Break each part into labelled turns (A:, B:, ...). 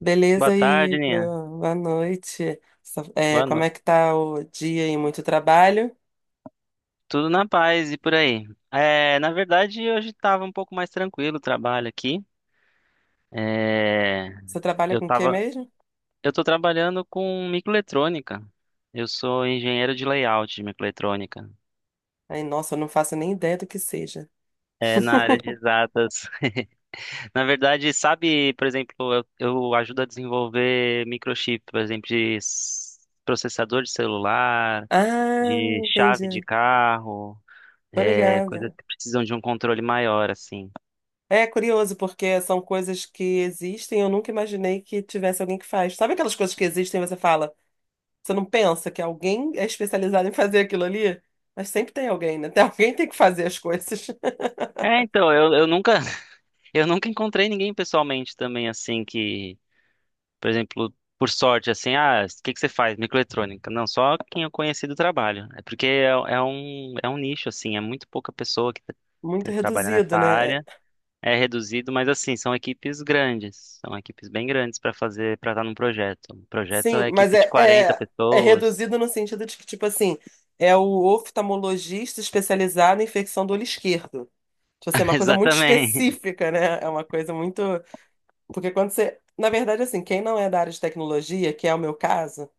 A: Beleza
B: Boa tarde,
A: aí,
B: Nina.
A: boa noite.
B: Boa
A: Como
B: noite.
A: é que tá o dia e muito trabalho?
B: Tudo na paz e por aí. É, na verdade, hoje estava um pouco mais tranquilo o trabalho aqui. É,
A: Você trabalha
B: eu
A: com o que
B: tava,
A: mesmo?
B: eu tô trabalhando com microeletrônica. Eu sou engenheiro de layout de microeletrônica.
A: Ai, nossa, eu não faço nem ideia do que seja.
B: É, na área de exatas. Na verdade, sabe, por exemplo, eu ajudo a desenvolver microchip, por exemplo, de processador de celular,
A: Ah,
B: de chave de
A: entendi.
B: carro,
A: Tô
B: é, coisas
A: ligada.
B: que precisam de um controle maior, assim.
A: É curioso, porque são coisas que existem, eu nunca imaginei que tivesse alguém que faz. Sabe aquelas coisas que existem e você fala, você não pensa que alguém é especializado em fazer aquilo ali? Mas sempre tem alguém, né? Tem alguém que tem que fazer as coisas.
B: É, então, eu nunca, eu nunca encontrei ninguém pessoalmente também, assim, que, por exemplo, por sorte, assim, ah, o que que você faz? Microeletrônica. Não, só quem eu conheci do trabalho. É porque é um nicho, assim, é muito pouca pessoa que
A: Muito
B: tem trabalha nessa
A: reduzido, né? É.
B: área. É reduzido, mas assim, são equipes grandes, são equipes bem grandes para fazer, para estar num projeto. Um projeto
A: Sim,
B: é
A: mas
B: equipe de quarenta
A: é, é
B: pessoas.
A: reduzido no sentido de que, tipo assim, é o oftalmologista especializado em infecção do olho esquerdo. Tipo assim, é uma coisa muito
B: Exatamente.
A: específica, né? É uma coisa muito. Porque quando você. Na verdade, assim, quem não é da área de tecnologia, que é o meu caso,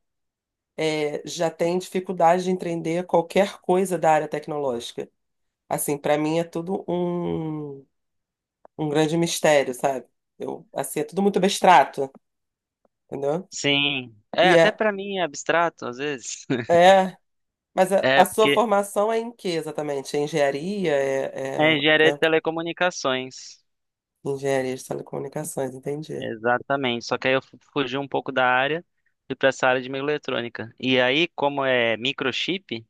A: já tem dificuldade de entender qualquer coisa da área tecnológica. Assim, pra mim é um grande mistério, sabe? Eu, assim, é tudo muito abstrato, entendeu?
B: Sim. É,
A: E
B: até
A: é.
B: para mim é abstrato às vezes.
A: É. Mas a
B: É,
A: sua
B: porque
A: formação é em que exatamente? É engenharia?
B: É
A: É, é,
B: engenharia de
A: é
B: telecomunicações.
A: engenharia de telecomunicações, entendi.
B: Exatamente. Só que aí eu fugi um pouco da área, fui para essa área de microeletrônica. E aí, como é microchip,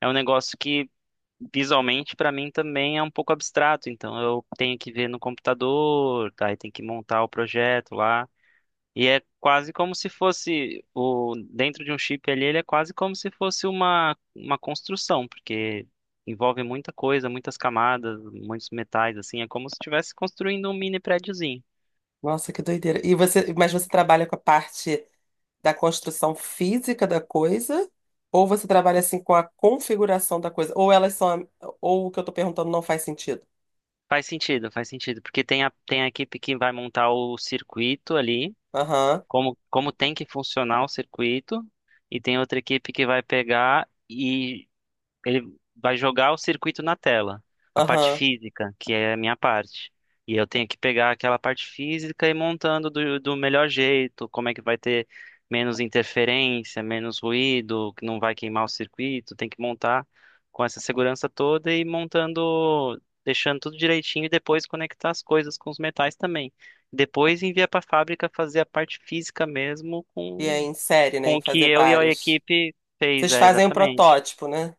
B: é um negócio que visualmente para mim também é um pouco abstrato. Então eu tenho que ver no computador, tá? E tem que montar o projeto lá. E é quase como se fosse o dentro de um chip ali, ele é quase como se fosse uma construção, porque envolve muita coisa, muitas camadas, muitos metais assim, é como se estivesse construindo um mini prédiozinho.
A: Nossa, que doideira. E você, mas você trabalha com a parte da construção física da coisa? Ou você trabalha assim com a configuração da coisa? Ou elas são, ou o que eu tô perguntando não faz sentido?
B: Faz sentido, porque tem a equipe que vai montar o circuito ali,
A: Aham,
B: como tem que funcionar o circuito, e tem outra equipe que vai pegar e ele vai jogar o circuito na tela, a parte
A: aham.
B: física, que é a minha parte. E eu tenho que pegar aquela parte física e ir montando do melhor jeito, como é que vai ter menos interferência, menos ruído, que não vai queimar o circuito, tem que montar com essa segurança toda e ir montando, deixando tudo direitinho e depois conectar as coisas com os metais também. Depois envia para a fábrica fazer a parte física mesmo
A: E é
B: com,
A: em série, né?
B: com
A: Em
B: o que
A: fazer
B: eu e a
A: várias.
B: equipe fez,
A: Vocês
B: é,
A: fazem um
B: exatamente.
A: protótipo, né?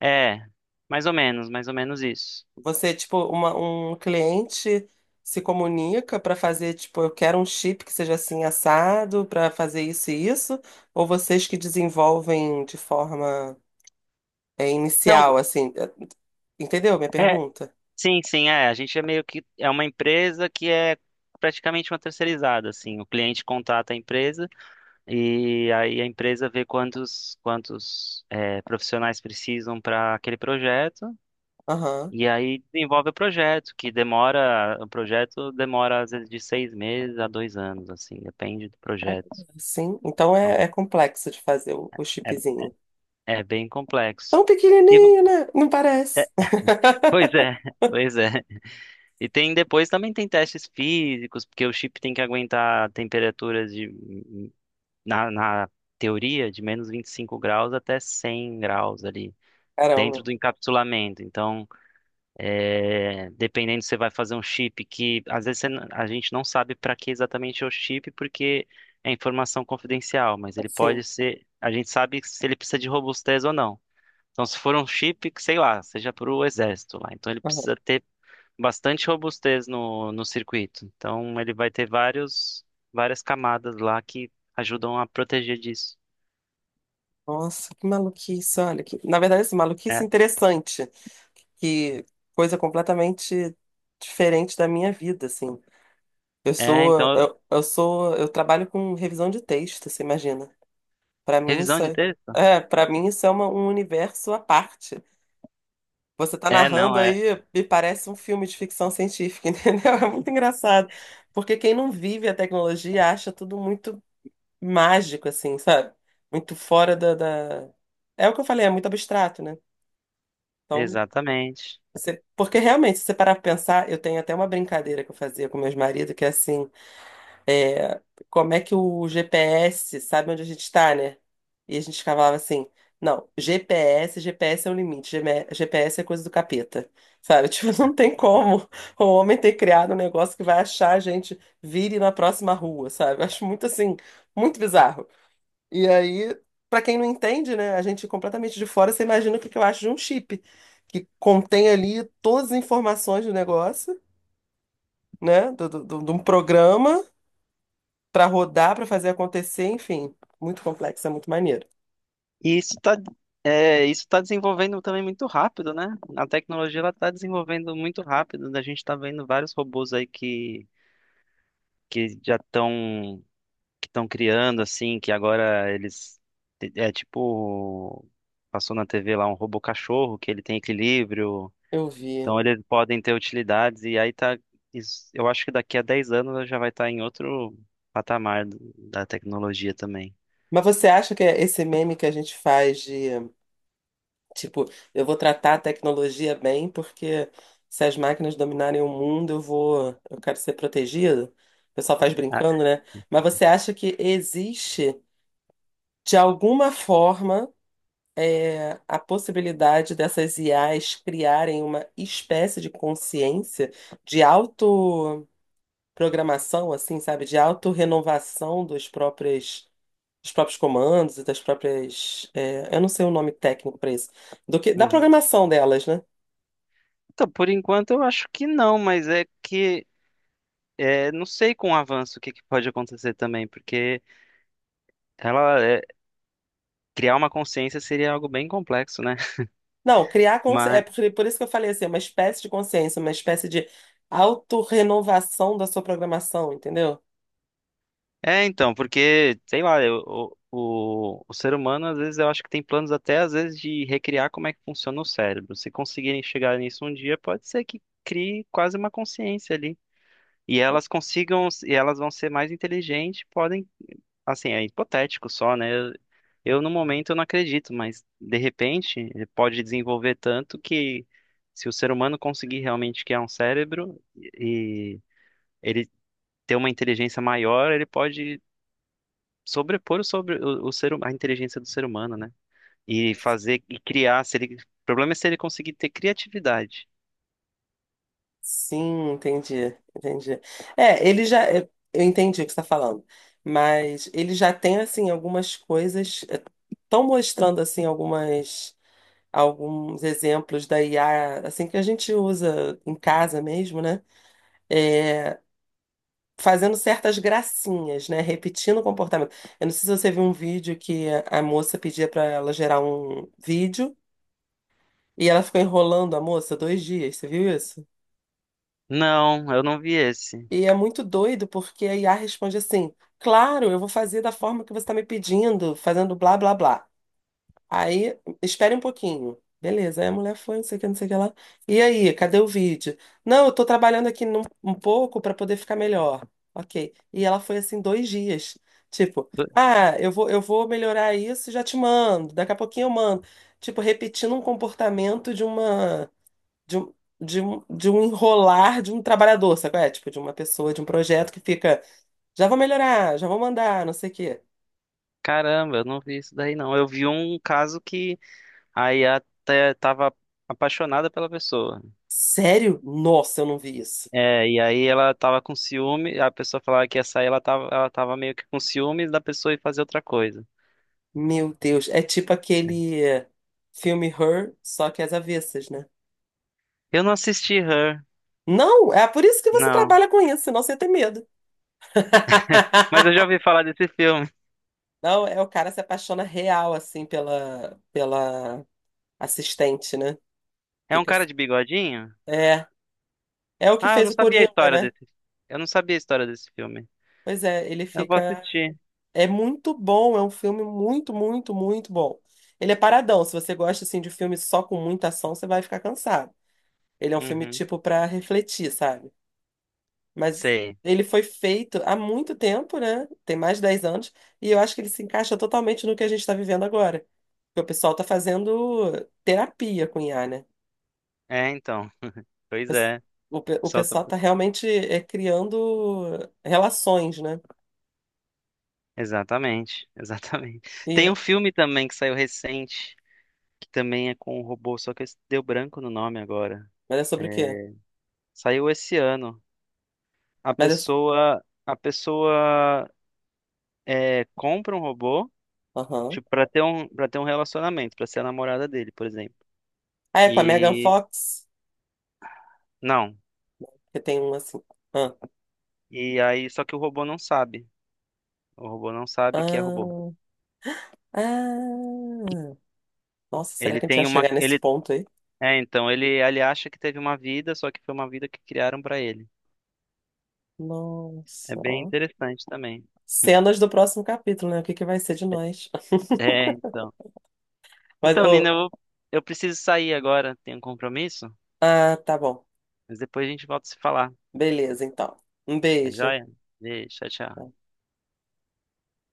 B: É, mais ou menos isso.
A: Você, tipo, um cliente se comunica para fazer, tipo, eu quero um chip que seja assim assado para fazer isso e isso, ou vocês que desenvolvem de forma
B: Não,
A: inicial, assim, é, entendeu minha
B: é,
A: pergunta?
B: sim, sim, é. A gente é meio que é uma empresa que é praticamente uma terceirizada, assim. O cliente contrata a empresa e aí a empresa vê quantos é, profissionais precisam para aquele projeto
A: Aham,
B: e aí desenvolve o projeto, que demora, o projeto demora às vezes de 6 meses a 2 anos, assim, depende do projeto.
A: sim. Então
B: Então,
A: é complexo de fazer o
B: é,
A: chipzinho.
B: é bem complexo.
A: Tão
B: E,
A: pequenininho, né? Não parece.
B: pois é, pois é. E tem depois também tem testes físicos, porque o chip tem que aguentar temperaturas na teoria de -25 graus até 100 graus ali dentro
A: Caramba,
B: do encapsulamento. Então, é, dependendo se você vai fazer um chip que às vezes a gente não sabe para que exatamente é o chip porque é informação confidencial, mas ele
A: assim.
B: pode ser, a gente sabe se ele precisa de robustez ou não. Então, se for um chip que, sei lá, seja para o exército lá, então ele
A: Aham.
B: precisa ter bastante robustez no circuito. Então ele vai ter várias camadas lá que ajudam a proteger disso.
A: Nossa, que maluquice, olha. Que... Na verdade, assim, maluquice
B: É,
A: interessante. Que coisa completamente diferente da minha vida, assim.
B: então,
A: Eu trabalho com revisão de texto, você imagina. Para mim
B: revisão
A: isso
B: de
A: é,
B: texto?
A: para mim isso é um universo à parte. Você tá
B: É, não,
A: narrando
B: é,
A: aí, me parece um filme de ficção científica, entendeu? É muito engraçado, porque quem não vive a tecnologia acha tudo muito mágico, assim, sabe? Muito fora da, da... É o que eu falei, é muito abstrato, né? Então
B: exatamente.
A: você- porque realmente, se você parar pra pensar, eu tenho até uma brincadeira que eu fazia com meus maridos, que é assim, é, como é que o GPS sabe onde a gente está, né? E a gente falava assim, não, GPS é o limite, GM GPS é coisa do capeta, sabe? Tipo, não tem como o homem ter criado um negócio que vai achar a gente, vire na próxima rua, sabe? Eu acho muito assim, muito bizarro. E aí, pra quem não entende, né, a gente completamente de fora, você imagina o que que eu acho de um chip, que contém ali todas as informações do negócio, né, de um programa pra rodar, pra fazer acontecer, enfim, muito complexo, é muito maneiro.
B: E isso tá desenvolvendo também muito rápido, né? A tecnologia ela está desenvolvendo muito rápido. A gente está vendo vários robôs aí que já estão que estão criando, assim, que agora eles. É tipo. Passou na TV lá um robô cachorro, que ele tem equilíbrio.
A: Eu vi.
B: Então eles podem ter utilidades. E aí tá. Eu acho que daqui a 10 anos já vai estar em outro patamar da tecnologia também.
A: Mas você acha que é esse meme que a gente faz de, tipo, eu vou tratar a tecnologia bem, porque se as máquinas dominarem o mundo, eu quero ser protegido? O pessoal faz
B: Ah,
A: brincando, né? Mas você acha que existe de alguma forma, é, a possibilidade dessas IAs criarem uma espécie de consciência de autoprogramação, assim, sabe? De autorrenovação dos próprios comandos e das próprias. É, eu não sei o nome técnico para isso. Do que, da
B: uhum.
A: programação delas, né?
B: Então, por enquanto eu acho que não, mas não sei com o avanço o que pode acontecer também, porque ela é, criar uma consciência seria algo bem complexo, né?
A: Não, criar consciência. É
B: Mas
A: por isso que eu falei assim, uma espécie de consciência, uma espécie de autorrenovação da sua programação, entendeu?
B: é então, porque sei lá, o ser humano às vezes eu acho que tem planos até às vezes de recriar como é que funciona o cérebro. Se conseguirem chegar nisso um dia, pode ser que crie quase uma consciência ali. E elas consigam, e elas vão ser mais inteligentes, podem, assim, é hipotético só, né? No momento eu não acredito, mas de repente ele pode desenvolver tanto que se o ser humano conseguir realmente criar um cérebro e ele ter uma inteligência maior, ele pode sobrepor o sobre o ser, hu- a inteligência do ser humano, né? E fazer e criar, se ele, o problema é se ele conseguir ter criatividade.
A: Sim, entendi, entendi. É, ele já, eu entendi o que você está falando, mas ele já tem assim algumas coisas, estão mostrando assim algumas alguns exemplos da IA assim que a gente usa em casa mesmo, né? É, fazendo certas gracinhas, né? Repetindo o comportamento. Eu não sei se você viu um vídeo que a moça pedia para ela gerar um vídeo e ela ficou enrolando a moça 2 dias. Você viu isso?
B: Não, eu não vi esse.
A: E é muito doido porque a IA responde assim: claro, eu vou fazer da forma que você está me pedindo, fazendo blá blá blá. Aí, espere um pouquinho. Beleza, aí a mulher foi, não sei o que, não sei o que lá. E aí, cadê o vídeo? Não, eu tô trabalhando aqui um pouco para poder ficar melhor. Ok. E ela foi assim 2 dias. Tipo, ah, eu vou melhorar isso, e já te mando. Daqui a pouquinho eu mando. Tipo, repetindo um comportamento de uma de, um- de, um- de um enrolar de um trabalhador, sabe? Qual É, tipo, de uma pessoa, de um projeto que fica, já vou melhorar, já vou mandar, não sei o quê.
B: Caramba, eu não vi isso daí não. Eu vi um caso que a IA até tava apaixonada pela pessoa.
A: Sério? Nossa, eu não vi isso.
B: É, e aí ela tava com ciúme, a pessoa falava que ia sair, ela tava meio que com ciúmes da pessoa e fazer outra coisa.
A: Meu Deus, é tipo aquele filme Her, só que às avessas, né?
B: Eu não assisti Her,
A: Não, é por isso que você
B: não.
A: trabalha com isso, senão você ia ter medo.
B: Mas eu já ouvi falar desse filme.
A: Não, é o cara se apaixona real, assim, pela assistente, né?
B: É um
A: Fica.
B: cara de bigodinho?
A: É, é o que
B: Ah, eu
A: fez
B: não
A: o
B: sabia a
A: Coringa,
B: história
A: né?
B: desse. Eu não sabia a história desse filme.
A: Pois é, ele
B: Eu vou
A: fica.
B: assistir.
A: É muito bom, é um filme muito, muito, muito bom. Ele é paradão. Se você gosta assim de filme só com muita ação, você vai ficar cansado. Ele é um filme
B: Uhum.
A: tipo para refletir, sabe? Mas
B: Sei.
A: ele foi feito há muito tempo, né? Tem mais de 10 anos, e eu acho que ele se encaixa totalmente no que a gente está vivendo agora. Porque o pessoal está fazendo terapia com IA, né?
B: É, então. Pois é. O
A: O, pe- o
B: pessoal
A: pessoal está realmente é, criando relações, né?
B: Exatamente, exatamente.
A: E
B: Tem um
A: é-
B: filme também que saiu recente, que também é com um robô, só que deu branco no nome agora.
A: mas é sobre o quê?
B: É, saiu esse ano. A
A: Mas é...
B: pessoa, a pessoa compra um robô,
A: Aham.
B: tipo, para ter um, relacionamento, para ser a namorada dele, por exemplo.
A: Ah, é com a Megan
B: E
A: Fox?
B: não.
A: Porque tem um assim. Ah,
B: E aí, só que o robô não sabe. O robô não sabe que é robô.
A: ah, ah. Nossa, será
B: Ele
A: que a gente vai
B: tem uma,
A: chegar nesse
B: ele,
A: ponto aí?
B: é, então ele acha que teve uma vida, só que foi uma vida que criaram para ele. É
A: Nossa,
B: bem
A: ó.
B: interessante também.
A: Cenas do próximo capítulo, né? O que que vai ser de nós?
B: É, então.
A: Mas,
B: Então, Nina,
A: ô,
B: eu preciso sair agora, tenho um compromisso,
A: ah, tá bom.
B: mas depois a gente volta a se falar.
A: Beleza, então. Um
B: Tá
A: beijo.
B: joia? Beijo, tchau, tchau.